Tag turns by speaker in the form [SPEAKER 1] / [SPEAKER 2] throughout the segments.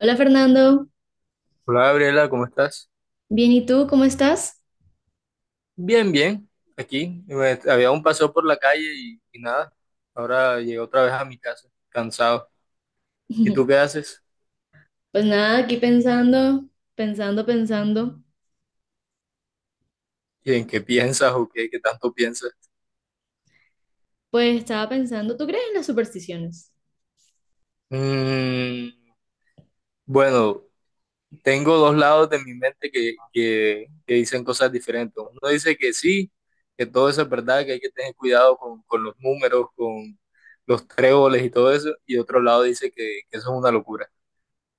[SPEAKER 1] Hola Fernando,
[SPEAKER 2] Hola Gabriela, ¿cómo estás?
[SPEAKER 1] bien, ¿y tú cómo estás?
[SPEAKER 2] Bien, bien. Aquí había un paseo por la calle y nada. Ahora llegué otra vez a mi casa, cansado. ¿Y tú qué haces?
[SPEAKER 1] Pues nada, aquí pensando, pensando, pensando.
[SPEAKER 2] ¿Y en qué piensas o qué, qué tanto piensas?
[SPEAKER 1] Pues estaba pensando, ¿tú crees en las supersticiones?
[SPEAKER 2] Mm, bueno, tengo dos lados de mi mente que dicen cosas diferentes. Uno dice que sí, que todo eso es verdad, que hay que tener cuidado con los números, con los tréboles y todo eso. Y otro lado dice que eso es una locura.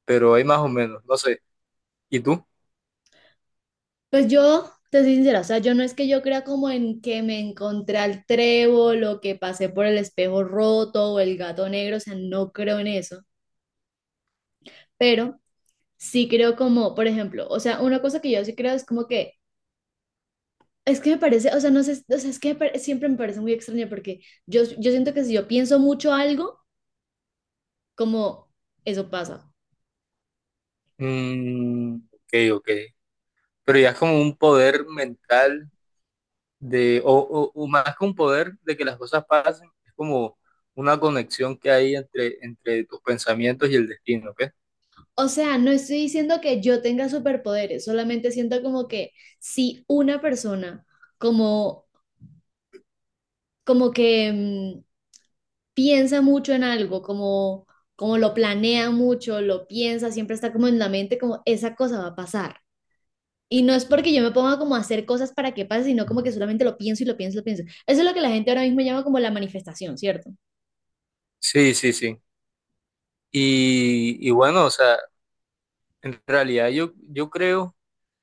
[SPEAKER 2] Pero hay más o menos, no sé. ¿Y tú?
[SPEAKER 1] Pues yo, te soy sincera, o sea, yo no es que yo crea como en que me encontré al trébol o que pasé por el espejo roto o el gato negro, o sea, no creo en eso, pero sí creo como, por ejemplo, o sea, una cosa que yo sí creo es como que, es que me parece, o sea, no sé, o sea, es que me pare- siempre me parece muy extraño porque yo siento que si yo pienso mucho algo, como eso pasa.
[SPEAKER 2] Mm, ok, ok. Pero ya es como un poder mental o más que un poder de que las cosas pasen, es como una conexión que hay entre tus pensamientos y el destino, ¿ok?
[SPEAKER 1] O sea, no estoy diciendo que yo tenga superpoderes, solamente siento como que si una persona como, como que piensa mucho en algo, como, como lo planea mucho, lo piensa, siempre está como en la mente, como esa cosa va a pasar. Y no es porque yo me ponga como a hacer cosas para que pase, sino como que solamente lo pienso y lo pienso y lo pienso. Eso es lo que la gente ahora mismo llama como la manifestación, ¿cierto?
[SPEAKER 2] Sí, sí, sí. Y bueno, o sea, en realidad yo creo,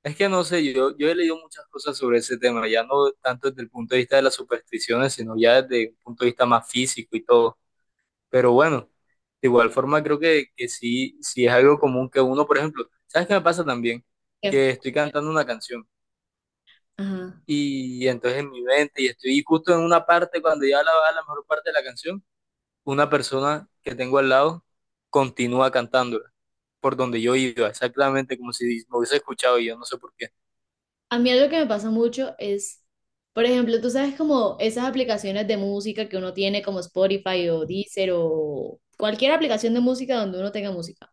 [SPEAKER 2] es que no sé, yo he leído muchas cosas sobre ese tema, ya no tanto desde el punto de vista de las supersticiones, sino ya desde un punto de vista más físico y todo. Pero bueno, de igual forma creo que sí, sí es algo común que uno, por ejemplo, ¿sabes qué me pasa también?
[SPEAKER 1] Que-
[SPEAKER 2] Que estoy cantando una canción
[SPEAKER 1] Ajá.
[SPEAKER 2] y entonces en mi mente y estoy justo en una parte, cuando ya la va la mejor parte de la canción, una persona que tengo al lado continúa cantándola por donde yo iba, exactamente como si me hubiese escuchado y yo no sé por qué.
[SPEAKER 1] A mí algo que me pasa mucho es, por ejemplo, tú sabes como esas aplicaciones de música que uno tiene como Spotify o Deezer o cualquier aplicación de música donde uno tenga música.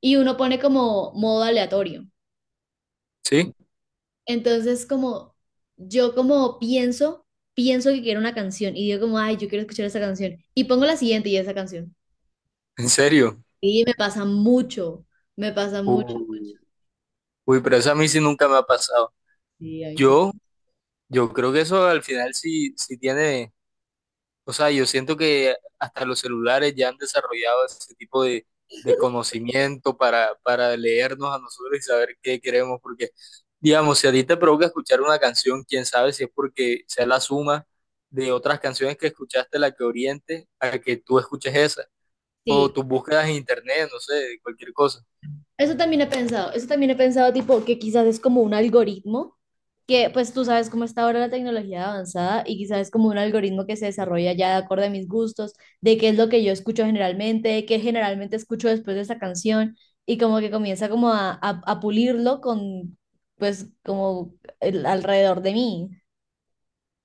[SPEAKER 1] Y uno pone como modo aleatorio.
[SPEAKER 2] ¿Sí?
[SPEAKER 1] Entonces como yo como pienso, pienso que quiero una canción y digo como, ay, yo quiero escuchar esa canción. Y pongo la siguiente y esa canción.
[SPEAKER 2] ¿En serio?
[SPEAKER 1] Y me pasa mucho, mucho.
[SPEAKER 2] Uy, uy, pero eso a mí sí nunca me ha pasado.
[SPEAKER 1] Sí, ahí sí.
[SPEAKER 2] Yo, yo creo que eso al final sí, sí tiene. O sea, yo siento que hasta los celulares ya han desarrollado ese tipo de conocimiento para leernos a nosotros y saber qué queremos, porque, digamos, si a ti te provoca escuchar una canción, quién sabe si es porque sea la suma de otras canciones que escuchaste la que oriente a que tú escuches esa, o
[SPEAKER 1] Sí,
[SPEAKER 2] tus búsquedas en internet, no sé, cualquier cosa.
[SPEAKER 1] eso también he pensado, eso también he pensado, tipo, que quizás es como un algoritmo, que pues tú sabes cómo está ahora la tecnología avanzada y quizás es como un algoritmo que se desarrolla ya de acuerdo a mis gustos, de qué es lo que yo escucho generalmente, de qué generalmente escucho después de esa canción y como que comienza como a pulirlo con, pues, alrededor de mí.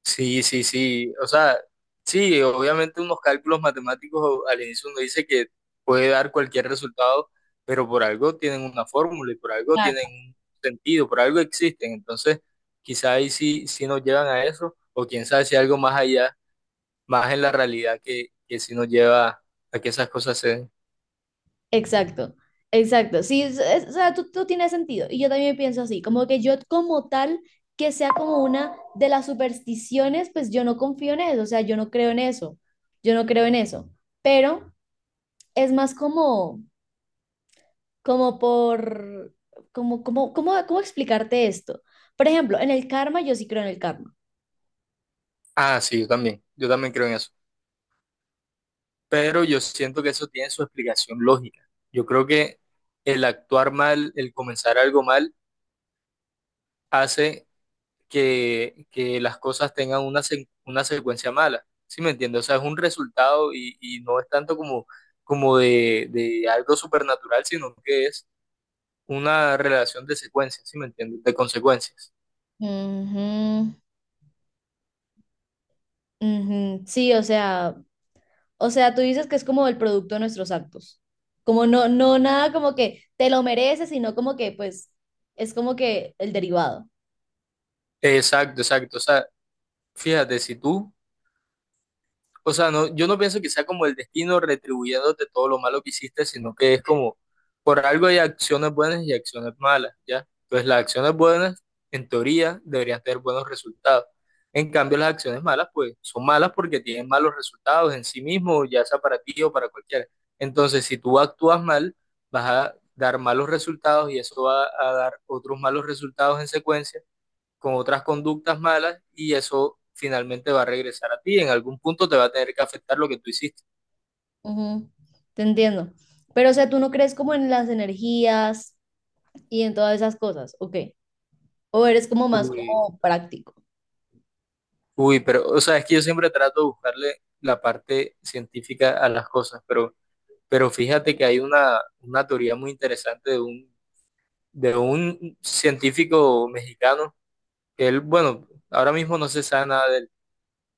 [SPEAKER 2] Sí, sí, sí. O sea, sí, obviamente unos cálculos matemáticos al inicio uno dice que puede dar cualquier resultado, pero por algo tienen una fórmula y por algo tienen un sentido, por algo existen. Entonces, quizá ahí sí, sí nos llevan a eso, o quién sabe si algo más allá, más en la realidad que sí nos lleva a que esas cosas se den.
[SPEAKER 1] Exacto, exacto. Sí, o sea, tú tienes sentido. Y yo también pienso así, como que yo como tal, que sea como una de las supersticiones, pues yo no confío en eso, o sea, yo no creo en eso, yo no creo en eso. Pero es más como, como por, como, como, como, ¿cómo explicarte esto? Por ejemplo, en el karma, yo sí creo en el karma.
[SPEAKER 2] Ah, sí, yo también creo en eso. Pero yo siento que eso tiene su explicación lógica. Yo creo que el actuar mal, el comenzar algo mal, hace que las cosas tengan una, una secuencia mala. ¿Sí me entiendes? O sea, es un resultado y no es tanto como, como de algo supernatural, sino que es una relación de secuencias, ¿sí me entiendes? De consecuencias.
[SPEAKER 1] Ujú, ujú. Sí, o sea, o sea, tú dices que es como el producto de nuestros actos. Como no, no, nada como que te lo mereces, sino como que, pues, es como que el derivado.
[SPEAKER 2] Exacto, exacto. O sea, fíjate, si tú. O sea, no, yo no pienso que sea como el destino retribuyéndote todo lo malo que hiciste, sino que es como, por algo hay acciones buenas y acciones malas, ¿ya? Entonces las acciones buenas, en teoría, deberían tener buenos resultados. En cambio, las acciones malas, pues, son malas porque tienen malos resultados en sí mismo, ya sea para ti o para cualquiera. Entonces, si tú actúas mal, vas a dar malos resultados y eso va a dar otros malos resultados en secuencia con otras conductas malas y eso finalmente va a regresar a ti. En algún punto te va a tener que afectar lo que tú hiciste.
[SPEAKER 1] Ujú, te entiendo. Pero, o sea, tú no crees como en las energías y en todas esas cosas, ¿ok? O eres como más
[SPEAKER 2] Uy,
[SPEAKER 1] como práctico.
[SPEAKER 2] uy, pero, o sea, es que yo siempre trato de buscarle la parte científica a las cosas, pero fíjate que hay una teoría muy interesante de un científico mexicano, que él, bueno, ahora mismo no se sabe nada de él,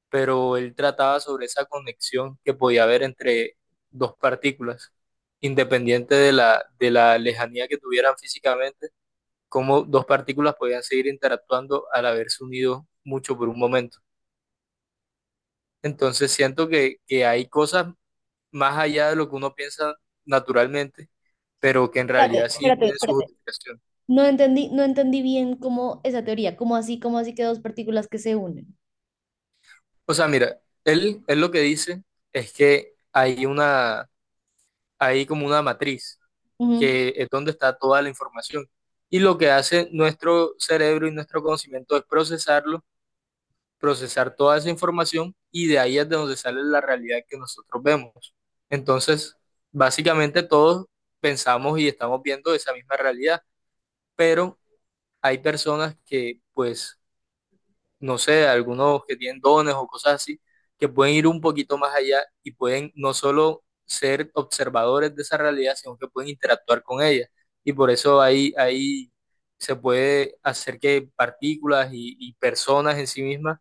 [SPEAKER 2] pero él trataba sobre esa conexión que podía haber entre dos partículas, independiente de la lejanía que tuvieran físicamente cómo dos partículas podían seguir interactuando al haberse unido mucho por un momento. Entonces siento que hay cosas más allá de lo que uno piensa naturalmente, pero que en
[SPEAKER 1] Espérate,
[SPEAKER 2] realidad sí
[SPEAKER 1] espérate,
[SPEAKER 2] tienen su
[SPEAKER 1] espérate.
[SPEAKER 2] justificación.
[SPEAKER 1] No entendí, no entendí bien cómo esa teoría, cómo así que dos partículas que se unen.
[SPEAKER 2] O sea, mira, él lo que dice es que hay una, hay como una matriz,
[SPEAKER 1] Ujú.
[SPEAKER 2] que es donde está toda la información. Y lo que hace nuestro cerebro y nuestro conocimiento es procesarlo, procesar toda esa información y de ahí es de donde sale la realidad que nosotros vemos. Entonces, básicamente todos pensamos y estamos viendo esa misma realidad, pero hay personas que, pues, no sé, algunos que tienen dones o cosas así, que pueden ir un poquito más allá y pueden no solo ser observadores de esa realidad, sino que pueden interactuar con ella. Y por eso ahí, ahí se puede hacer que partículas y personas en sí mismas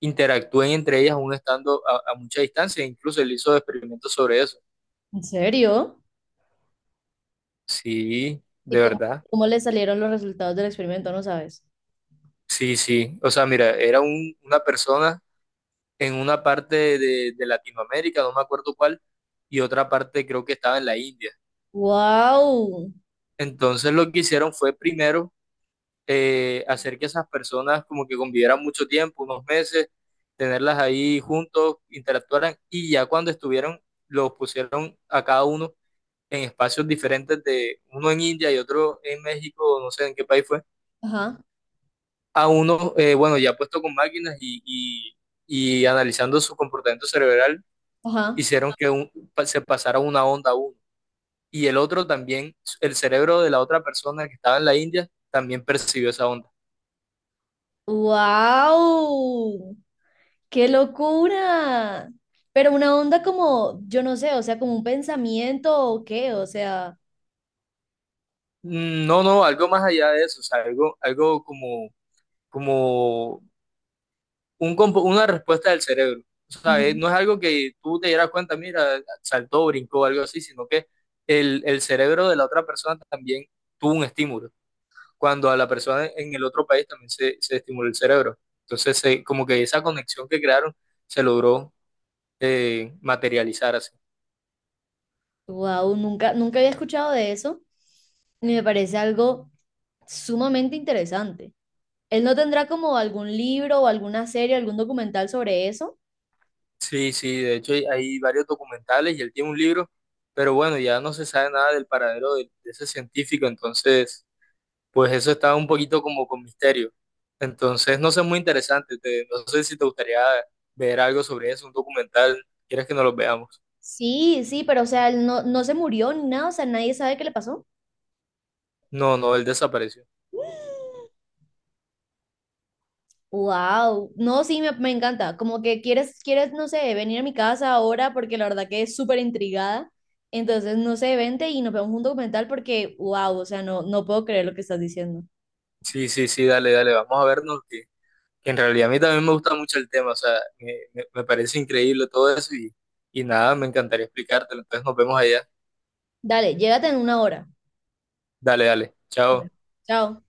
[SPEAKER 2] interactúen entre ellas aún estando a mucha distancia. Incluso él hizo experimentos sobre eso.
[SPEAKER 1] ¿En serio?
[SPEAKER 2] Sí,
[SPEAKER 1] ¿Y
[SPEAKER 2] de
[SPEAKER 1] cómo,
[SPEAKER 2] verdad.
[SPEAKER 1] cómo le salieron los resultados del experimento? No sabes.
[SPEAKER 2] Sí, sí. O sea, mira, era una persona en una parte de Latinoamérica, no me acuerdo cuál, y otra parte creo que estaba en la India.
[SPEAKER 1] ¡Wow!
[SPEAKER 2] Entonces lo que hicieron fue primero hacer que esas personas como que convivieran mucho tiempo, unos meses, tenerlas ahí juntos, interactuaran, y ya cuando estuvieron, los pusieron a cada uno en espacios diferentes de uno en India y otro en México, no sé en qué país fue,
[SPEAKER 1] Ajá,
[SPEAKER 2] a uno, bueno, ya puesto con máquinas y analizando su comportamiento cerebral,
[SPEAKER 1] ajá.
[SPEAKER 2] hicieron que se pasara una onda a uno. Y el otro también, el cerebro de la otra persona que estaba en la India, también percibió esa onda.
[SPEAKER 1] ¡Wow! ¡Qué locura! Pero una onda como, yo no sé, o sea, como un pensamiento o qué, o sea,
[SPEAKER 2] No, no, algo más allá de eso, o sea, algo, algo como, como una respuesta del cerebro. O sea, no
[SPEAKER 1] ujú.
[SPEAKER 2] es algo que tú te dieras cuenta, mira, saltó, brincó, algo así, sino que el cerebro de la otra persona también tuvo un estímulo. Cuando a la persona en el otro país también se estimuló el cerebro. Entonces, como que esa conexión que crearon se logró materializar así.
[SPEAKER 1] Wow, nunca, nunca había escuchado de eso y me parece algo sumamente interesante. ¿Él no tendrá como algún libro o alguna serie, algún documental sobre eso?
[SPEAKER 2] Sí, sí, de hecho hay, hay varios documentales y él tiene un libro, pero bueno, ya no se sabe nada del paradero de ese científico, entonces... Pues eso está un poquito como con misterio. Entonces, no sé, muy interesante. No sé si te gustaría ver algo sobre eso, un documental. ¿Quieres que nos lo veamos?
[SPEAKER 1] Sí, sí, pero o sea, él no, no se murió ni nada, o sea, nadie sabe qué le pasó.
[SPEAKER 2] No, no, él desapareció.
[SPEAKER 1] Wow, no, sí, me encanta. Como que quieres, quieres, no sé, venir a mi casa ahora porque la verdad que es súper intrigada. Entonces, no sé, vente y nos vemos un documental porque, wow, o sea, no, no puedo creer lo que estás diciendo.
[SPEAKER 2] Sí, sí, sí, dale, dale, vamos a vernos. Que en realidad a mí también me gusta mucho el tema. O sea, me parece increíble todo eso y nada, me encantaría explicártelo. Entonces, nos vemos allá.
[SPEAKER 1] Dale, llégate en una hora.
[SPEAKER 2] Dale, dale.
[SPEAKER 1] Vale.
[SPEAKER 2] Chao.
[SPEAKER 1] Chao.